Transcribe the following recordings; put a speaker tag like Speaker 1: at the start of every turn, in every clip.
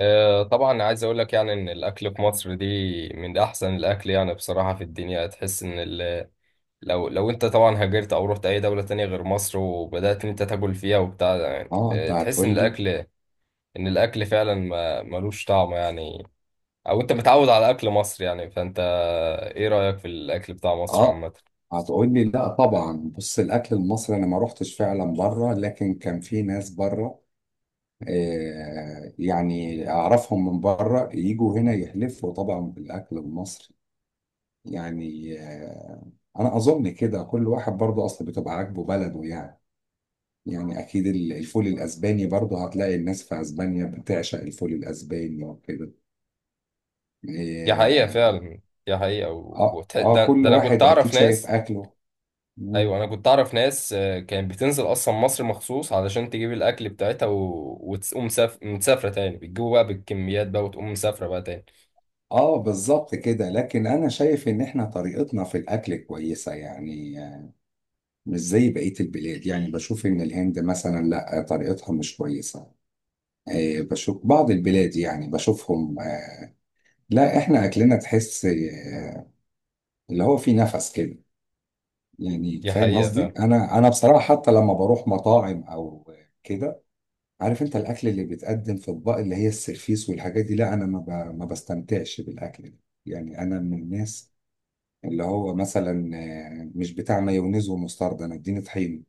Speaker 1: طبعا عايز اقول لك يعني ان الاكل في مصر دي من احسن الاكل يعني بصراحه في الدنيا. تحس ان لو انت طبعا هاجرت او رحت اي دوله تانية غير مصر وبدات ان انت تاكل فيها وبتاع ده، يعني
Speaker 2: اه انت
Speaker 1: تحس
Speaker 2: هتقول لي.
Speaker 1: ان الاكل فعلا ما ملوش طعم يعني. او انت متعود على اكل مصر يعني فانت. ايه رايك في الاكل بتاع مصر
Speaker 2: اه
Speaker 1: عامه؟
Speaker 2: هتقول لي لا طبعا، بص الاكل المصري انا ما روحتش فعلا بره، لكن كان في ناس بره يعني اعرفهم من بره يجوا هنا يحلفوا طبعا بالاكل المصري. يعني انا اظن كده كل واحد برضه اصلا بتبقى عاجبه بلده. يعني يعني اكيد الفول الاسباني برضه هتلاقي الناس في اسبانيا بتعشق الفول الاسباني وكده.
Speaker 1: دي حقيقه
Speaker 2: آه
Speaker 1: فعلا. دي حقيقه
Speaker 2: اه
Speaker 1: ده,
Speaker 2: كل
Speaker 1: ده انا كنت
Speaker 2: واحد اكيد
Speaker 1: اعرف
Speaker 2: شايف
Speaker 1: ناس.
Speaker 2: اكله.
Speaker 1: ايوه، انا كنت اعرف ناس كانت بتنزل اصلا مصر مخصوص علشان تجيب الاكل بتاعتها مسافره تاني، بتجيبه بقى بالكميات بقى وتقوم مسافره بقى تاني.
Speaker 2: اه بالظبط كده، لكن انا شايف ان احنا طريقتنا في الاكل كويسه يعني، مش زي بقيه البلاد. يعني بشوف ان الهند مثلا لا، طريقتها مش كويسه، بشوف بعض البلاد، يعني بشوفهم، لا احنا اكلنا تحس اللي هو فيه نفس كده، يعني
Speaker 1: دي
Speaker 2: فاهم
Speaker 1: حقيقه
Speaker 2: قصدي.
Speaker 1: فعلا.
Speaker 2: انا بصراحه حتى لما بروح مطاعم او كده، عارف انت الاكل اللي بيتقدم في اطباق اللي هي السرفيس والحاجات دي، لا انا ما بستمتعش بالاكل ده. يعني انا من الناس اللي هو مثلا مش بتاع مايونيز ومستردة، انا اديني طحين.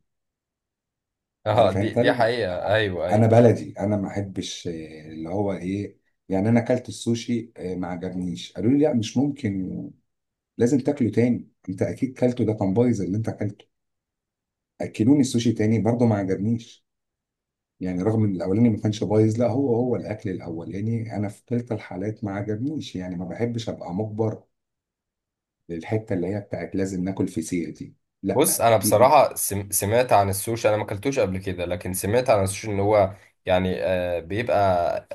Speaker 1: اه،
Speaker 2: عارف
Speaker 1: دي
Speaker 2: انت
Speaker 1: دي حقيقه، ايوه
Speaker 2: انا
Speaker 1: ايوه.
Speaker 2: بلدي انا ما احبش اللي هو ايه. يعني انا اكلت السوشي ما عجبنيش، قالوا لي لا مش ممكن، لازم تاكله تاني، انت اكيد كلته ده كان بايظ اللي انت اكلته. اكلوني السوشي تاني برضه ما عجبنيش، يعني رغم ان الاولاني ما كانش بايظ، لا هو الاكل الاولاني، انا في كلتا الحالات ما عجبنيش. يعني ما بحبش ابقى مجبر للحته اللي هي بتاعت لازم ناكل فسيخ دي.
Speaker 1: بص،
Speaker 2: لا.
Speaker 1: انا بصراحه سمعت عن السوشي، انا ما اكلتوش قبل كده، لكن سمعت عن السوشي ان هو يعني بيبقى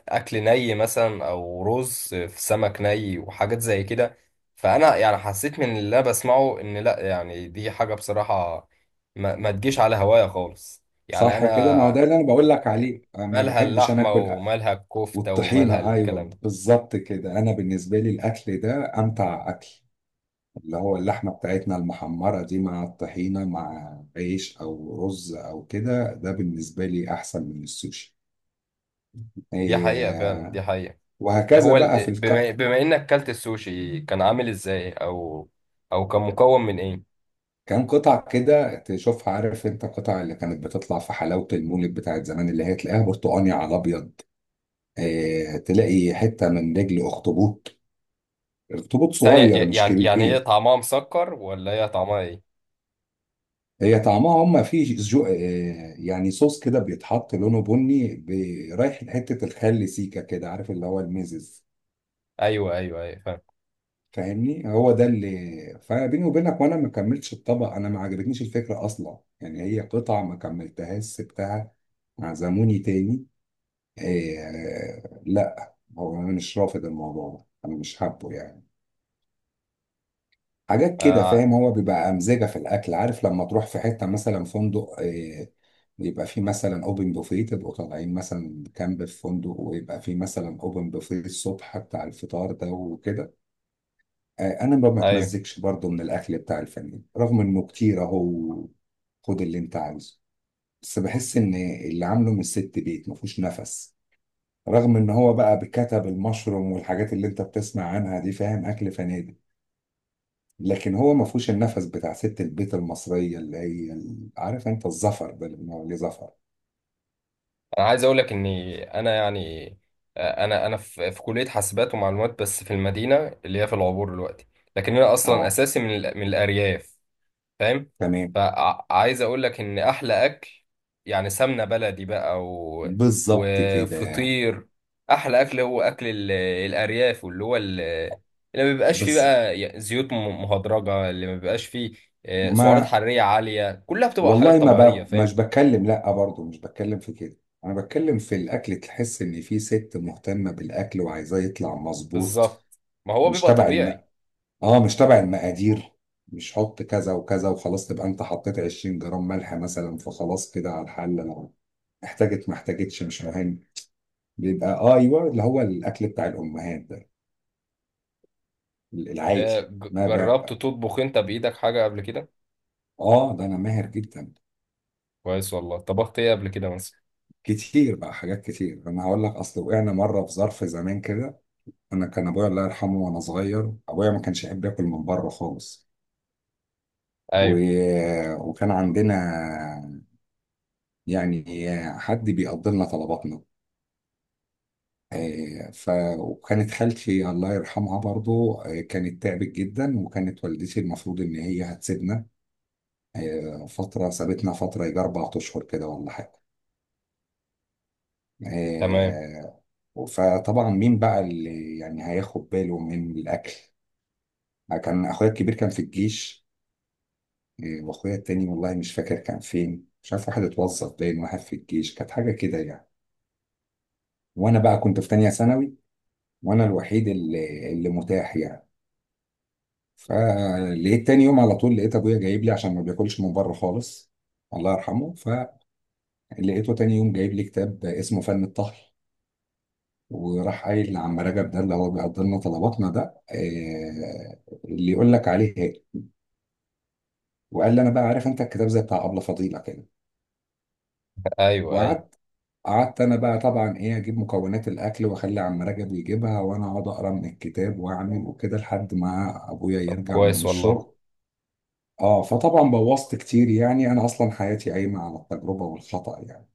Speaker 1: اكل ني مثلا او رز في سمك ني وحاجات زي كده. فانا يعني حسيت من اللي انا بسمعه ان لا، يعني دي حاجه بصراحه ما تجيش على هوايا خالص يعني.
Speaker 2: صح كده، ما هو
Speaker 1: انا
Speaker 2: ده اللي انا بقول لك عليه. أنا ما
Speaker 1: مالها
Speaker 2: بحبش انا
Speaker 1: اللحمه
Speaker 2: اكل
Speaker 1: ومالها الكفته ومالها
Speaker 2: والطحينه،
Speaker 1: الكلام
Speaker 2: ايوه
Speaker 1: ده.
Speaker 2: بالظبط كده. انا بالنسبه لي الاكل ده امتع اكل، اللي هو اللحمه بتاعتنا المحمره دي مع الطحينه مع عيش او رز او كده، ده بالنسبه لي احسن من السوشي.
Speaker 1: دي حقيقه فعلا،
Speaker 2: إيه.
Speaker 1: دي حقيقه.
Speaker 2: وهكذا
Speaker 1: هو
Speaker 2: بقى في
Speaker 1: بما انك كلت السوشي، كان عامل ازاي او او كان مكون من ايه؟
Speaker 2: كان قطع كده تشوفها، عارف انت قطع اللي كانت بتطلع في حلاوه المولد بتاعت زمان، اللي هي تلاقيها برتقاني على ابيض. إيه، تلاقي حته من رجل اخطبوط، اخطبوط
Speaker 1: ثانية
Speaker 2: صغير مش
Speaker 1: يعني هي
Speaker 2: كبير.
Speaker 1: طعمها مسكر ولا هي طعمها ايه؟
Speaker 2: هي طعمها هم فيه جو... آه، يعني صوص كده بيتحط لونه بني رايح لحتة الخل سيكا كده، عارف اللي هو الميزز.
Speaker 1: ايوه ايوه ايوه، فاهم.
Speaker 2: فاهمني، هو ده اللي فبيني وبينك، وانا ما كملتش الطبق، انا ما عجبتنيش الفكرة اصلا. يعني هي قطعة ما كملتهاش سبتها. عزموني تاني. لا هو انا مش رافض الموضوع ده، انا مش حابه يعني حاجات كده.
Speaker 1: آه،
Speaker 2: فاهم هو بيبقى أمزجة في الأكل. عارف لما تروح في حتة مثلا فندق، يبقى فيه مثلا أوبن بوفيه، تبقوا طالعين مثلا كامب في فندق ويبقى فيه مثلا أوبن بوفيه الصبح بتاع الفطار ده وكده. أنا ما
Speaker 1: ايوه.
Speaker 2: بتمزجش برضه من الأكل بتاع الفنادق رغم إنه كتير أهو، خد اللي أنت عاوزه، بس بحس إن اللي عامله من الست بيت مفهوش نفس، رغم إن هو بقى بكتب المشروم والحاجات اللي أنت بتسمع عنها دي. فاهم أكل فنادق، لكن هو ما فيهوش النفس بتاع ست البيت المصريه، اللي هي عارف انت الظفر ده اللي بنقول عليه ظفر.
Speaker 1: انا عايز اقول لك اني انا يعني انا انا في في كلية حاسبات ومعلومات، بس في المدينة اللي هي في العبور دلوقتي، لكن انا اصلا
Speaker 2: اه
Speaker 1: اساسي من من الارياف. فاهم.
Speaker 2: تمام،
Speaker 1: فعايز اقول لك ان احلى اكل، يعني سمنه بلدي بقى
Speaker 2: بالظبط كده.
Speaker 1: وفطير. احلى اكل هو اكل الارياف، واللي هو اللي ما بيبقاش فيه
Speaker 2: بز...
Speaker 1: بقى زيوت مهدرجه، اللي ما بيبقاش فيه سعرات
Speaker 2: ما
Speaker 1: حراريه عاليه، كلها بتبقى
Speaker 2: والله
Speaker 1: حاجات
Speaker 2: ما
Speaker 1: طبيعيه.
Speaker 2: ب... مش
Speaker 1: فاهم.
Speaker 2: بتكلم، لا برضه مش بتكلم في كده، انا بتكلم في الاكل، تحس ان في ست مهتمه بالاكل وعايزاه يطلع مظبوط.
Speaker 1: بالظبط. ما هو
Speaker 2: مش
Speaker 1: بيبقى
Speaker 2: تبع
Speaker 1: طبيعي.
Speaker 2: اه مش تبع المقادير، مش حط كذا وكذا وخلاص، تبقى انت حطيت 20 جرام ملح مثلا فخلاص كده على الحل. انا احتاجت ما احتاجتش مش مهم، بيبقى اه ايوه اللي هو الاكل بتاع الامهات ده العادي، ما
Speaker 1: جربت
Speaker 2: بقى.
Speaker 1: تطبخ انت بايدك حاجه قبل كده؟
Speaker 2: اه ده انا ماهر جدا.
Speaker 1: كويس والله، طبخت ايه قبل كده مثلا؟
Speaker 2: كتير بقى حاجات كتير، انا هقول لك اصل وقعنا مره في ظرف زمان كده. انا كان ابويا الله يرحمه وانا صغير ابويا ما كانش يحب ياكل من بره خالص، و...
Speaker 1: ايوه.
Speaker 2: وكان عندنا يعني حد بيقضي لنا طلباتنا. آه، ف وكانت خالتي الله يرحمها برضو كانت تعبت جدا، وكانت والدتي المفروض ان هي هتسيبنا، هي فترة سابتنا فترة يجي أربع أشهر كده ولا حاجة.
Speaker 1: تمام.
Speaker 2: آه، فطبعا مين بقى اللي يعني هياخد باله من الأكل. كان أخويا الكبير كان في الجيش، وأخويا التاني والله مش فاكر كان فين مش عارف، واحد اتوظف باين واحد في الجيش، كانت حاجة كده يعني. وأنا بقى كنت في تانية ثانوي، وأنا الوحيد اللي متاح يعني. فلقيت تاني يوم على طول لقيت أبويا جايب لي، عشان ما بياكلش من بره خالص الله يرحمه. فلقيته تاني يوم جايب لي كتاب اسمه فن الطهي، وراح قايل لعم رجب، ده اللي هو بيقضي لنا طلباتنا ده، آه، اللي يقول لك عليه هاي، وقال لي انا بقى عارف انت الكتاب زي بتاع ابله فضيله كده.
Speaker 1: ايوه ايوه.
Speaker 2: وقعدت قعدت انا بقى طبعا، ايه اجيب مكونات الاكل واخلي عم رجب يجيبها، وانا اقعد اقرا من الكتاب واعمل وكده لحد ما ابويا
Speaker 1: طب
Speaker 2: يرجع من
Speaker 1: كويس والله.
Speaker 2: الشغل. اه فطبعا بوظت كتير يعني، انا اصلا حياتي قايمه على التجربه والخطا يعني.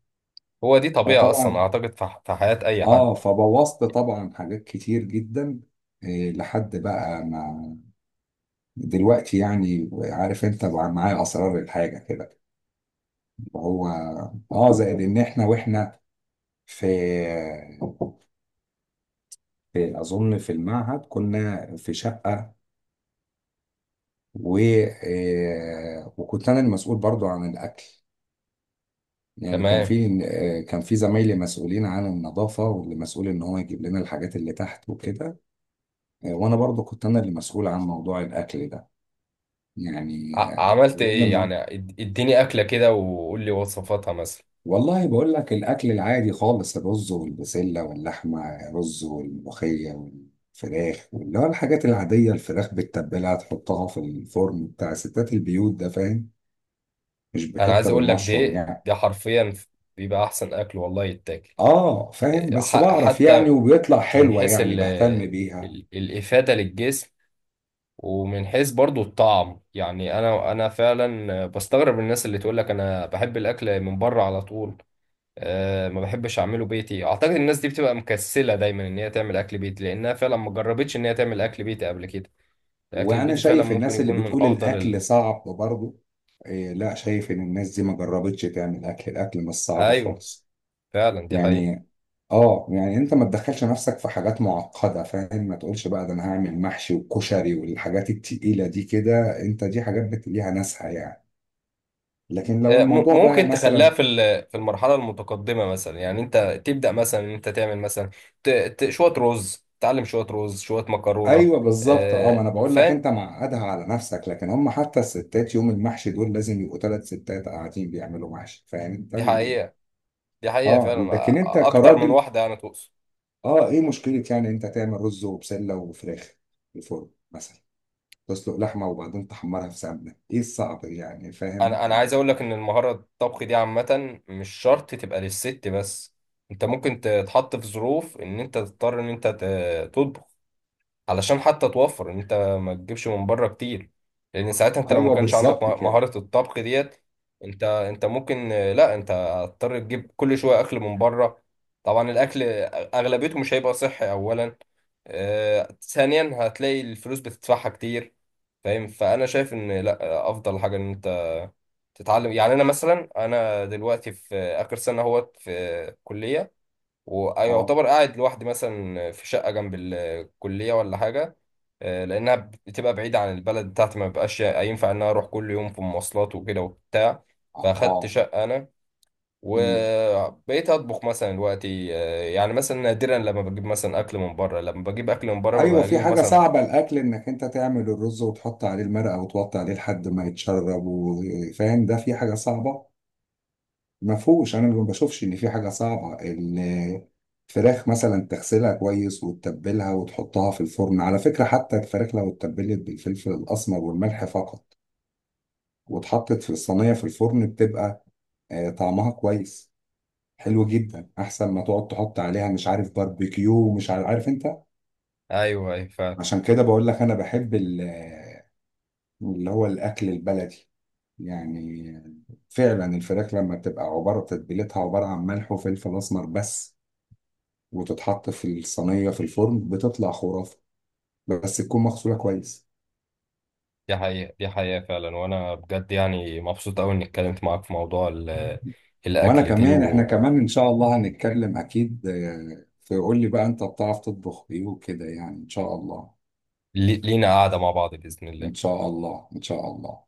Speaker 1: هو دي طبيعة أصلا
Speaker 2: فطبعا
Speaker 1: أعتقد في في حياة أي حد.
Speaker 2: اه فبوظت طبعا حاجات كتير جدا. إيه، لحد بقى ما دلوقتي، يعني عارف انت بقى معايا اسرار الحاجه كده. هو اه زائد ان احنا واحنا في, في اظن في المعهد كنا في شقه، و آه، وكنت انا المسؤول برضو عن الاكل. يعني كان
Speaker 1: تمام.
Speaker 2: في كان في زمايلي مسؤولين عن النظافه واللي مسؤول ان هو يجيب لنا الحاجات اللي تحت وكده، وانا برضو كنت انا اللي مسؤول عن موضوع الاكل ده. يعني
Speaker 1: عملت
Speaker 2: وقلنا
Speaker 1: إيه
Speaker 2: إنه
Speaker 1: يعني؟ إديني أكلة كده وقول لي وصفاتها مثلا.
Speaker 2: والله بقول لك الأكل العادي خالص، الرز والبسلة واللحمة رز والملوخية والفراخ، اللي هو الحاجات العادية، الفراخ بالتتبيلة تحطها في الفرن بتاع ستات البيوت ده فاهم، مش
Speaker 1: أنا عايز
Speaker 2: بكتب
Speaker 1: أقول لك
Speaker 2: المشروم
Speaker 1: دي،
Speaker 2: يعني.
Speaker 1: دي حرفيا بيبقى أحسن أكل والله يتاكل.
Speaker 2: اه فاهم،
Speaker 1: إيه،
Speaker 2: بس بعرف يعني
Speaker 1: حتى
Speaker 2: وبيطلع
Speaker 1: من
Speaker 2: حلوة
Speaker 1: حيث
Speaker 2: يعني بهتم بيها.
Speaker 1: الإفادة للجسم، ومن حيث برضو الطعم. يعني أنا أنا فعلا بستغرب الناس اللي تقول لك أنا بحب الأكل من بره على طول. أه، ما بحبش اعمله بيتي. اعتقد الناس دي بتبقى مكسله دايما ان هي تعمل اكل بيتي، لانها فعلا ما جربتش ان هي تعمل اكل بيتي قبل كده. الاكل
Speaker 2: وأنا
Speaker 1: البيتي فعلا
Speaker 2: شايف
Speaker 1: ممكن
Speaker 2: الناس اللي
Speaker 1: يكون من
Speaker 2: بتقول
Speaker 1: افضل
Speaker 2: الأكل صعب برضه، إيه لا شايف إن الناس دي ما جربتش تعمل أكل، الأكل مش صعب
Speaker 1: ايوه،
Speaker 2: خالص.
Speaker 1: فعلا دي حقيقه.
Speaker 2: يعني اه، يعني انت ما تدخلش نفسك في حاجات معقدة فاهم، ما تقولش بقى ده انا هعمل محشي وكشري والحاجات التقيلة دي كده، انت دي حاجات ليها ناسها يعني. لكن لو
Speaker 1: أه،
Speaker 2: الموضوع بقى
Speaker 1: ممكن تخليها
Speaker 2: مثلا
Speaker 1: في في المرحله المتقدمه مثلا. يعني انت تبدا مثلا ان انت تعمل مثلا شويه رز، تعلم شويه رز شويه مكرونه.
Speaker 2: ايوه بالظبط. اه ما
Speaker 1: أه،
Speaker 2: انا بقول لك
Speaker 1: فاهم.
Speaker 2: انت معقدها على نفسك، لكن هم حتى الستات يوم المحشي دول لازم يبقوا ثلاث ستات قاعدين بيعملوا محشي. فاهم انت
Speaker 1: دي حقيقه، دي حقيقه
Speaker 2: اه
Speaker 1: فعلا.
Speaker 2: لكن انت
Speaker 1: اكتر من
Speaker 2: كراجل،
Speaker 1: واحده انا تقصد.
Speaker 2: اه ايه مشكلة يعني انت تعمل رز وبسلة وفراخ في الفرن مثلا، تسلق لحمة وبعدين تحمرها في سمنة، ايه الصعب يعني فاهم
Speaker 1: انا انا عايز اقول لك ان المهاره الطبخ دي عامه، مش شرط تبقى للست بس. انت ممكن تتحط في ظروف ان انت تضطر ان انت تطبخ، علشان حتى توفر ان انت ما تجيبش من بره كتير. لان ساعتها انت لو ما
Speaker 2: ايوه
Speaker 1: كانش عندك
Speaker 2: بالظبط كده.
Speaker 1: مهاره الطبخ ديت، انت انت ممكن لا، انت هتضطر تجيب كل شويه اكل من بره. طبعا الاكل اغلبيته مش هيبقى صحي اولا، ثانيا هتلاقي الفلوس بتدفعها كتير. فاهم. فانا شايف ان لا، افضل حاجه ان تتعلم. يعني انا مثلا، انا دلوقتي في اخر سنه اهوت في كليه،
Speaker 2: اه
Speaker 1: ويعتبر قاعد لوحدي مثلا في شقه جنب الكليه ولا حاجه، لانها بتبقى بعيده عن البلد بتاعتي، ما بقاش ينفع ان انا اروح كل يوم في مواصلات وكده وبتاع.
Speaker 2: اه
Speaker 1: فاخدت
Speaker 2: آه.
Speaker 1: شقه انا،
Speaker 2: مم.
Speaker 1: وبقيت اطبخ مثلا دلوقتي. يعني مثلا نادرا لما بجيب مثلا اكل من بره، لما بجيب اكل من بره
Speaker 2: ايوه
Speaker 1: ببقى
Speaker 2: في
Speaker 1: اجيبه
Speaker 2: حاجة
Speaker 1: مثلا
Speaker 2: صعبة الاكل، انك انت تعمل الرز وتحط عليه المرقة وتوطي عليه لحد ما يتشرب وفاهم، ده في حاجة صعبة؟ ما فيهوش، انا ما بشوفش ان في حاجة صعبة. الفراخ مثلا تغسلها كويس وتتبلها وتحطها في الفرن، على فكرة حتى الفراخ لو اتبلت بالفلفل الاسمر والملح فقط واتحطت في الصينية في الفرن، بتبقى طعمها كويس، حلو جدا، احسن ما تقعد تحط عليها مش عارف باربيكيو ومش عارف، عارف انت.
Speaker 1: ايوه ايوه.
Speaker 2: عشان كده بقول لك انا بحب اللي هو الاكل البلدي. يعني فعلا الفراخ لما بتبقى عباره تتبيلتها عباره عن ملح وفلفل اسمر بس، وتتحط في الصينيه في الفرن، بتطلع خرافه، بس تكون مغسوله كويس.
Speaker 1: دي حقيقة، دي حقيقة فعلا. وأنا بجد يعني مبسوط أوي إني اتكلمت معاك في موضوع
Speaker 2: وانا
Speaker 1: الأكل دي.
Speaker 2: كمان، احنا كمان ان شاء الله هنتكلم اكيد، فقول لي بقى انت بتعرف تطبخ ايه وكده، يعني ان شاء الله.
Speaker 1: ولينا قعدة مع بعض بإذن الله.
Speaker 2: ان شاء الله ان شاء الله.